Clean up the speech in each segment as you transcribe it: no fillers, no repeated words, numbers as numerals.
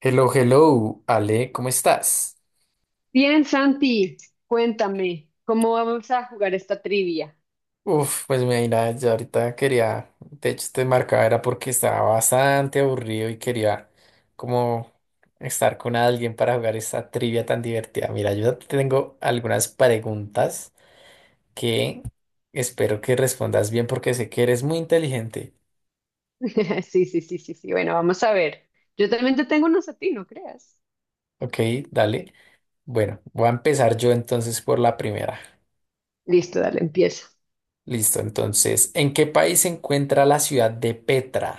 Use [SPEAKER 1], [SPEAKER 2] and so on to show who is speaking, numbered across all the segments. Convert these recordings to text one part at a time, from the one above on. [SPEAKER 1] Hello, hello, Ale, ¿cómo estás?
[SPEAKER 2] Bien, Santi, cuéntame, ¿cómo vamos a jugar esta trivia?
[SPEAKER 1] Uf, pues mira, ya ahorita quería, de hecho te marcaba era porque estaba bastante aburrido y quería como estar con alguien para jugar esta trivia tan divertida. Mira, yo te tengo algunas preguntas que espero que respondas bien porque sé que eres muy inteligente.
[SPEAKER 2] Sí, sí, sí, sí, sí. Bueno, vamos a ver. Yo también te tengo unos a ti, no creas.
[SPEAKER 1] Ok, dale. Bueno, voy a empezar yo entonces por la primera.
[SPEAKER 2] Listo, dale, empieza.
[SPEAKER 1] Listo, entonces, ¿en qué país se encuentra la ciudad de Petra?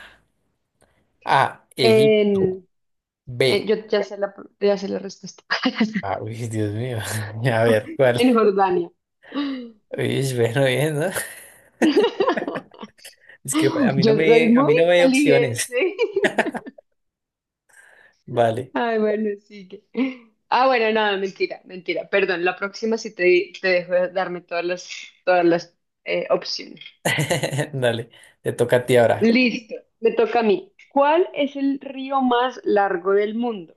[SPEAKER 1] A, Egipto.
[SPEAKER 2] En,
[SPEAKER 1] B.
[SPEAKER 2] yo ya sé ya sé la respuesta.
[SPEAKER 1] Ah, uy, Dios mío. A ver, ¿cuál?
[SPEAKER 2] En Jordania.
[SPEAKER 1] Uy, bueno, bien, ¿no? Es que a mí no
[SPEAKER 2] Yo soy
[SPEAKER 1] me, a mí
[SPEAKER 2] muy
[SPEAKER 1] no me hay
[SPEAKER 2] inteligente.
[SPEAKER 1] opciones. Vale.
[SPEAKER 2] Ay, bueno, sigue. Ah, bueno, no, mentira, mentira. Perdón, la próxima sí te dejo darme todas las opciones.
[SPEAKER 1] Dale, te toca a ti ahora.
[SPEAKER 2] Listo, me toca a mí. ¿Cuál es el río más largo del mundo?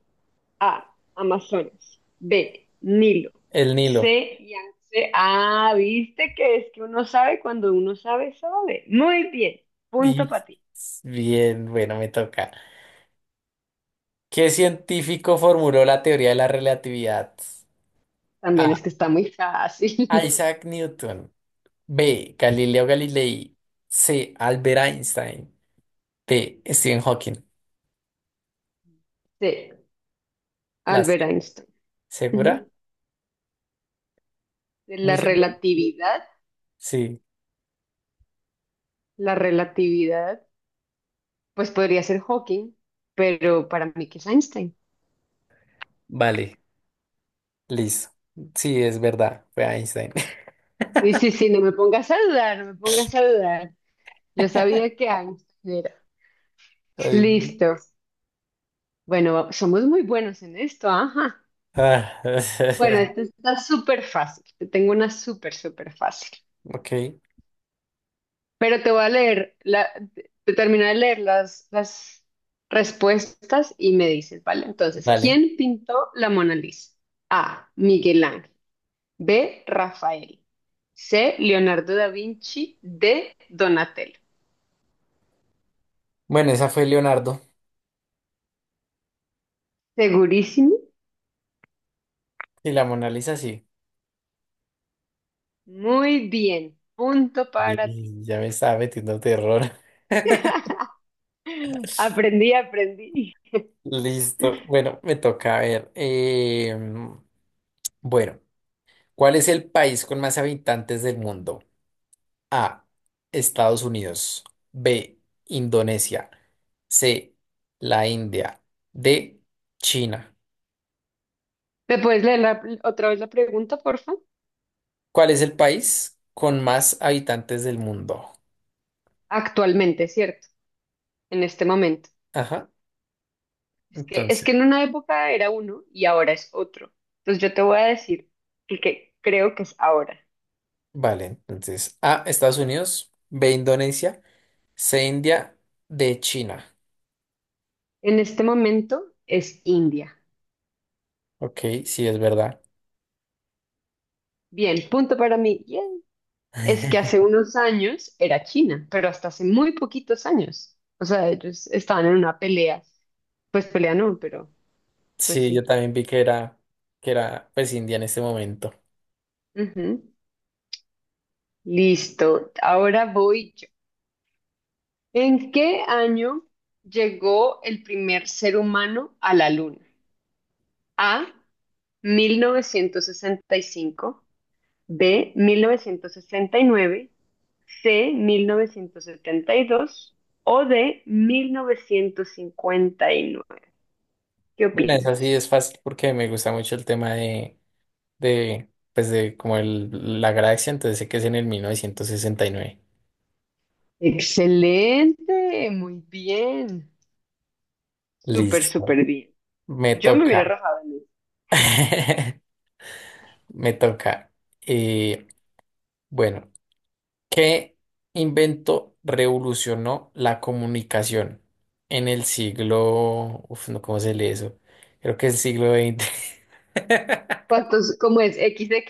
[SPEAKER 2] A, Amazonas. B, Nilo.
[SPEAKER 1] El Nilo.
[SPEAKER 2] C, Yangtze. Ah, viste que es que uno sabe cuando uno sabe, sabe. Muy bien, punto
[SPEAKER 1] Y
[SPEAKER 2] para ti.
[SPEAKER 1] bien, bueno, me toca. ¿Qué científico formuló la teoría de la relatividad?
[SPEAKER 2] También es que
[SPEAKER 1] A.
[SPEAKER 2] está muy fácil.
[SPEAKER 1] Isaac Newton. B. Galileo Galilei. C. Albert Einstein. D. Stephen Hawking.
[SPEAKER 2] C,
[SPEAKER 1] ¿La
[SPEAKER 2] Albert
[SPEAKER 1] C?
[SPEAKER 2] Einstein. Ujú.
[SPEAKER 1] ¿Segura?
[SPEAKER 2] De la
[SPEAKER 1] ¿Muy segura? Sí.
[SPEAKER 2] relatividad, pues podría ser Hawking, pero para mí que es Einstein.
[SPEAKER 1] Vale. Listo. Sí, es verdad, fue Einstein.
[SPEAKER 2] Sí, sí, sí, no me pongas a dudar, no me pongas a dudar. Yo sabía que Einstein era.
[SPEAKER 1] Ay, no.
[SPEAKER 2] Listo. Bueno, somos muy buenos en esto, ajá.
[SPEAKER 1] Ah,
[SPEAKER 2] Bueno, esto está súper fácil. Te tengo una súper, súper fácil.
[SPEAKER 1] ok,
[SPEAKER 2] Pero te voy a leer, te termino de leer las respuestas y me dices, ¿vale? Entonces,
[SPEAKER 1] dale.
[SPEAKER 2] ¿quién pintó la Mona Lisa? A. Miguel Ángel. B. Rafael. C. Leonardo da Vinci. D. Donatello.
[SPEAKER 1] Bueno, esa fue Leonardo.
[SPEAKER 2] ¿Segurísimo?
[SPEAKER 1] Y la Mona Lisa sí.
[SPEAKER 2] Muy bien. Punto para ti.
[SPEAKER 1] Y ya me estaba metiendo terror.
[SPEAKER 2] Aprendí, aprendí.
[SPEAKER 1] Listo. Bueno, me toca a ver. Bueno, ¿cuál es el país con más habitantes del mundo? A. Estados Unidos. B. Indonesia. C. La India. D. China.
[SPEAKER 2] ¿Me puedes leer la- otra vez la pregunta, porfa?
[SPEAKER 1] ¿Cuál es el país con más habitantes del mundo?
[SPEAKER 2] Actualmente, ¿cierto? En este momento.
[SPEAKER 1] Ajá.
[SPEAKER 2] Es que
[SPEAKER 1] Entonces,
[SPEAKER 2] en una época era uno y ahora es otro. Entonces yo te voy a decir el que creo que es ahora.
[SPEAKER 1] vale. Entonces, A, Estados Unidos, B, Indonesia, C, India, D, China.
[SPEAKER 2] En este momento es India.
[SPEAKER 1] Ok, sí, es verdad.
[SPEAKER 2] Bien, punto para mí. Yay. Es que hace unos años era China, pero hasta hace muy poquitos años. O sea, ellos estaban en una pelea. Pues pelea no, pero pues
[SPEAKER 1] Sí, yo
[SPEAKER 2] sí.
[SPEAKER 1] también vi que era pues India en este momento.
[SPEAKER 2] Ujú. Listo. Ahora voy. ¿En qué año llegó el primer ser humano a la Luna? A, 1965, B, 1969, C, 1972 o D, 1959. ¿Qué
[SPEAKER 1] Bueno, esa sí es
[SPEAKER 2] opinas?
[SPEAKER 1] fácil porque me gusta mucho el tema de pues de como el, la galaxia, entonces sé que es en el 1969.
[SPEAKER 2] Excelente, muy bien. Súper,
[SPEAKER 1] Listo.
[SPEAKER 2] súper bien.
[SPEAKER 1] Me
[SPEAKER 2] Yo me hubiera
[SPEAKER 1] toca.
[SPEAKER 2] rajado en eso.
[SPEAKER 1] Me toca. Eh, Bueno, ¿qué invento revolucionó la comunicación en el siglo... Uf, no, ¿cómo se lee eso? Creo que es el siglo XX.
[SPEAKER 2] ¿Cuántos, cómo es? ¿veinte?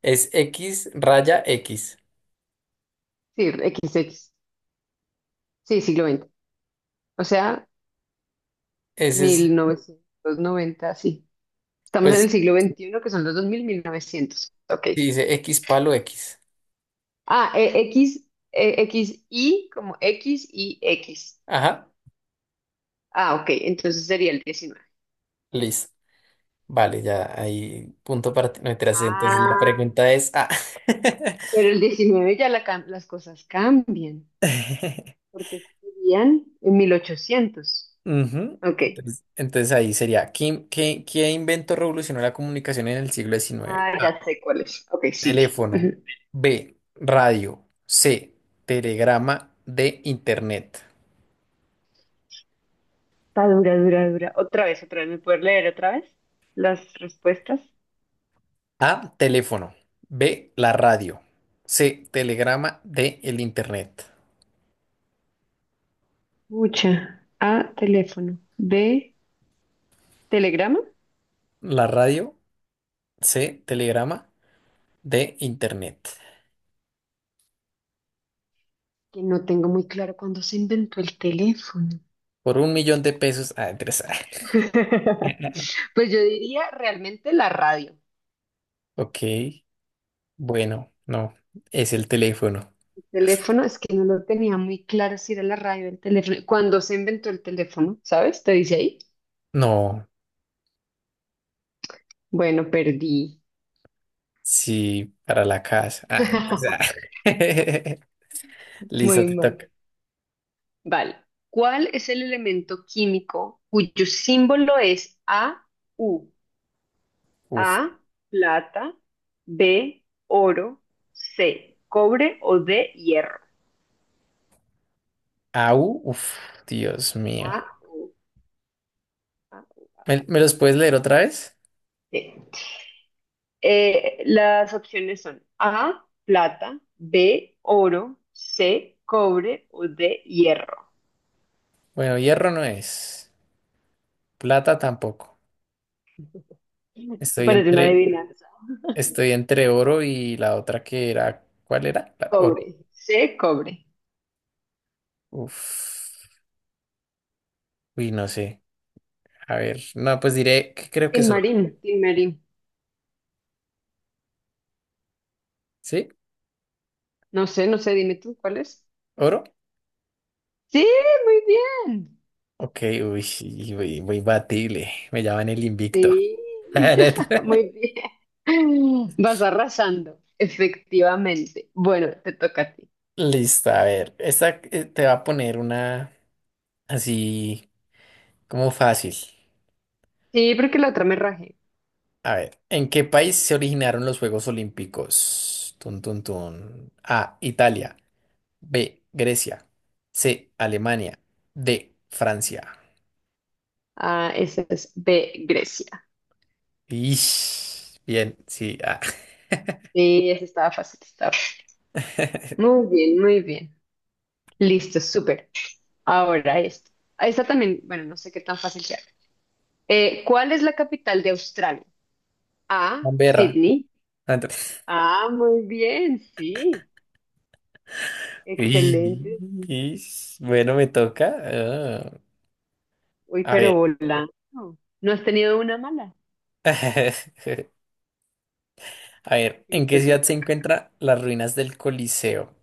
[SPEAKER 1] Es X raya X.
[SPEAKER 2] Sí, veinte. Sí, siglo veinte. O sea,
[SPEAKER 1] Ese es,
[SPEAKER 2] 1990 sí. Estamos en
[SPEAKER 1] pues,
[SPEAKER 2] el siglo 21 que son los 2000 mil novecientos. Ok.
[SPEAKER 1] si dice X palo X.
[SPEAKER 2] Ah, X, X, Y, como X y X.
[SPEAKER 1] Ajá,
[SPEAKER 2] Ah, ok. Entonces sería el 19.
[SPEAKER 1] listo. Vale, ya ahí punto para ti. No, mentiras, entonces la
[SPEAKER 2] Ah,
[SPEAKER 1] pregunta es... ah.
[SPEAKER 2] pero el 19 ya la las cosas cambian, porque serían en 1800.
[SPEAKER 1] Ujú.
[SPEAKER 2] Ok.
[SPEAKER 1] Entonces, entonces ahí sería, ¿¿qué invento revolucionó la comunicación en el siglo XIX?
[SPEAKER 2] Ah, ya sé cuál es. Ok, sigue.
[SPEAKER 1] Teléfono.
[SPEAKER 2] Ujú.
[SPEAKER 1] B. Radio. C. Telegrama. D. Internet.
[SPEAKER 2] Está dura, dura, dura. Otra vez, otra vez. ¿Me puedes leer otra vez las respuestas?
[SPEAKER 1] A. Teléfono. B. La radio. C. Telegrama. D. El Internet.
[SPEAKER 2] Mucha. A, teléfono. B, ¿Telegrama?
[SPEAKER 1] La radio. C. Telegrama. D. Internet.
[SPEAKER 2] Que no tengo muy claro cuándo se inventó el teléfono.
[SPEAKER 1] Por 1.000.000 de pesos. Ah, interesante.
[SPEAKER 2] Pues yo diría realmente la radio.
[SPEAKER 1] Ok. Bueno, no. Es el teléfono.
[SPEAKER 2] El teléfono es que no lo tenía muy claro si era la radio o el teléfono. Cuando se inventó el teléfono, ¿sabes? Te dice ahí.
[SPEAKER 1] No.
[SPEAKER 2] Bueno, perdí.
[SPEAKER 1] Sí, para la casa. Ah, interesante. Listo,
[SPEAKER 2] Muy
[SPEAKER 1] te
[SPEAKER 2] mal.
[SPEAKER 1] toca.
[SPEAKER 2] Vale. ¿Cuál es el elemento químico cuyo símbolo es AU?
[SPEAKER 1] Uf.
[SPEAKER 2] A, plata, B, oro, C, cobre o D, hierro.
[SPEAKER 1] Au, uf, Dios mío.
[SPEAKER 2] Ah, A, U, A,
[SPEAKER 1] ¿Me,
[SPEAKER 2] U,
[SPEAKER 1] me
[SPEAKER 2] A,
[SPEAKER 1] los
[SPEAKER 2] U.
[SPEAKER 1] puedes leer otra vez?
[SPEAKER 2] Sí. Las opciones son A, plata, B, oro, C, cobre o D, hierro.
[SPEAKER 1] Bueno, hierro no es, plata tampoco.
[SPEAKER 2] Me
[SPEAKER 1] Estoy
[SPEAKER 2] parece una
[SPEAKER 1] entre,
[SPEAKER 2] adivinanza.
[SPEAKER 1] estoy entre oro y la otra que era, ¿cuál era? La oro.
[SPEAKER 2] Cobre. C, cobre.
[SPEAKER 1] Uf, uy, no sé. A ver, no, pues diré que creo que
[SPEAKER 2] Tin
[SPEAKER 1] es oro.
[SPEAKER 2] Marín.
[SPEAKER 1] ¿Sí?
[SPEAKER 2] No sé, no sé, dime tú, ¿cuál es?
[SPEAKER 1] ¿Oro?
[SPEAKER 2] Sí, muy bien.
[SPEAKER 1] Ok, uy, sí, uy, muy batible. Me llaman el invicto.
[SPEAKER 2] Sí, muy bien. Vas arrasando, efectivamente. Bueno, te toca a ti.
[SPEAKER 1] Listo, a ver, esta te va a poner una así como fácil.
[SPEAKER 2] Sí, porque la otra me rajé.
[SPEAKER 1] A ver, ¿en qué país se originaron los Juegos Olímpicos? Tun, tun, tun. A, Italia. B, Grecia. C, Alemania. D, Francia.
[SPEAKER 2] Ah, esa es B, Grecia.
[SPEAKER 1] Ish, bien, sí. Ah.
[SPEAKER 2] Sí, esa estaba fácil, estaba fácil. Muy bien, muy bien. Listo, súper. Ahora esto. Esta también, bueno, no sé qué tan fácil sea. ¿Cuál es la capital de Australia? A,
[SPEAKER 1] Canberra.
[SPEAKER 2] Sydney.
[SPEAKER 1] Ah, ent-
[SPEAKER 2] Ah, muy bien, sí.
[SPEAKER 1] Ish,
[SPEAKER 2] Excelente.
[SPEAKER 1] ish. Bueno, me toca. Ah,
[SPEAKER 2] Uy,
[SPEAKER 1] a
[SPEAKER 2] pero
[SPEAKER 1] ver.
[SPEAKER 2] volando. ¿No has tenido una mala?
[SPEAKER 1] A ver, ¿en qué
[SPEAKER 2] Listo, te
[SPEAKER 1] ciudad se
[SPEAKER 2] toca.
[SPEAKER 1] encuentran las ruinas del Coliseo?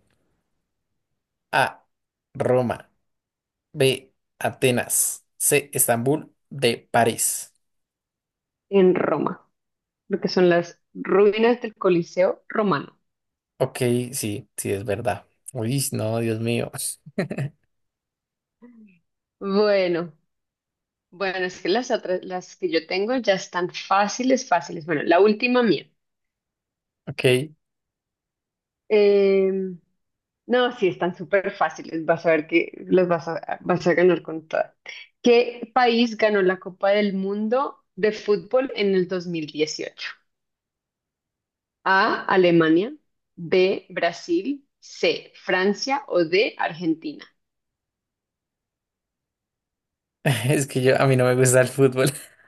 [SPEAKER 1] A, Roma. B, Atenas. C, Estambul. D, París.
[SPEAKER 2] En Roma, lo que son las ruinas del Coliseo romano.
[SPEAKER 1] Ok, sí, sí, es verdad. Uy, no, Dios mío.
[SPEAKER 2] Bueno, bueno, es que las otras, las que yo tengo ya están fáciles, fáciles. Bueno, la última mía.
[SPEAKER 1] Ok,
[SPEAKER 2] Eh, no, sí, están súper fáciles. Vas a ver que los vas a ganar con todas. ¿Qué país ganó la Copa del Mundo de fútbol en el 2018? A, Alemania, B, Brasil, C, Francia o D, Argentina.
[SPEAKER 1] es que yo, a mí no me gusta el fútbol.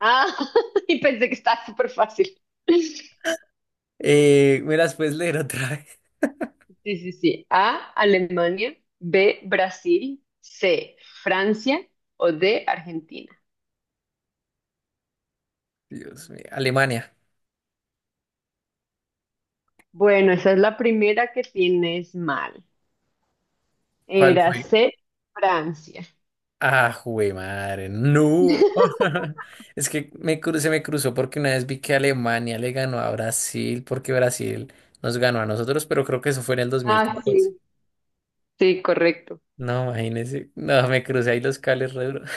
[SPEAKER 2] Ah, y pensé que estaba súper fácil.
[SPEAKER 1] ¿Me las puedes leer otra vez?
[SPEAKER 2] Sí, sí, sí. A, Alemania, B, Brasil, C, Francia o D, Argentina.
[SPEAKER 1] Dios mío, Alemania.
[SPEAKER 2] Bueno, esa es la primera que tienes mal.
[SPEAKER 1] ¿Cuál
[SPEAKER 2] Era
[SPEAKER 1] fue?
[SPEAKER 2] C, Francia.
[SPEAKER 1] Ah, jue madre, no. Es que me cru- se me cruzó porque una vez vi que Alemania le ganó a Brasil, porque Brasil nos ganó a nosotros, pero creo que eso fue en el dos mil
[SPEAKER 2] Ah,
[SPEAKER 1] catorce.
[SPEAKER 2] sí, sí, correcto.
[SPEAKER 1] No, imagínese. No, me crucé ahí los cables re duro.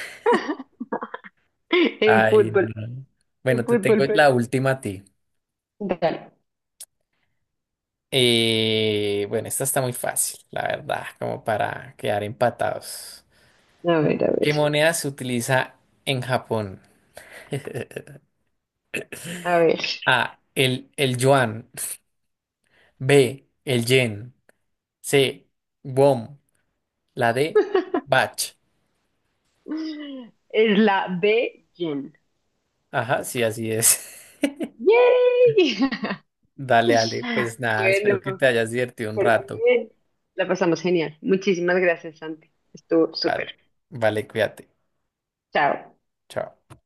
[SPEAKER 2] En
[SPEAKER 1] Ay,
[SPEAKER 2] fútbol,
[SPEAKER 1] no.
[SPEAKER 2] en
[SPEAKER 1] Bueno, te
[SPEAKER 2] fútbol
[SPEAKER 1] tengo la
[SPEAKER 2] perdí.
[SPEAKER 1] última a ti.
[SPEAKER 2] Dale.
[SPEAKER 1] Bueno, esta está muy fácil, la verdad, como para quedar empatados.
[SPEAKER 2] A ver, a ver,
[SPEAKER 1] ¿Qué moneda se utiliza en Japón?
[SPEAKER 2] a ver.
[SPEAKER 1] A. El yuan. B. El yen. C. Won. La D. Bach.
[SPEAKER 2] Es la B, Jen.
[SPEAKER 1] Ajá, sí, así es.
[SPEAKER 2] ¡Yay!
[SPEAKER 1] Dale, Ale. Pues nada, espero
[SPEAKER 2] Bueno,
[SPEAKER 1] que te hayas divertido un
[SPEAKER 2] súper
[SPEAKER 1] rato.
[SPEAKER 2] bien. La pasamos genial. Muchísimas gracias, Santi. Estuvo súper.
[SPEAKER 1] Vale, vale, cuídate.
[SPEAKER 2] Chao.
[SPEAKER 1] Chao.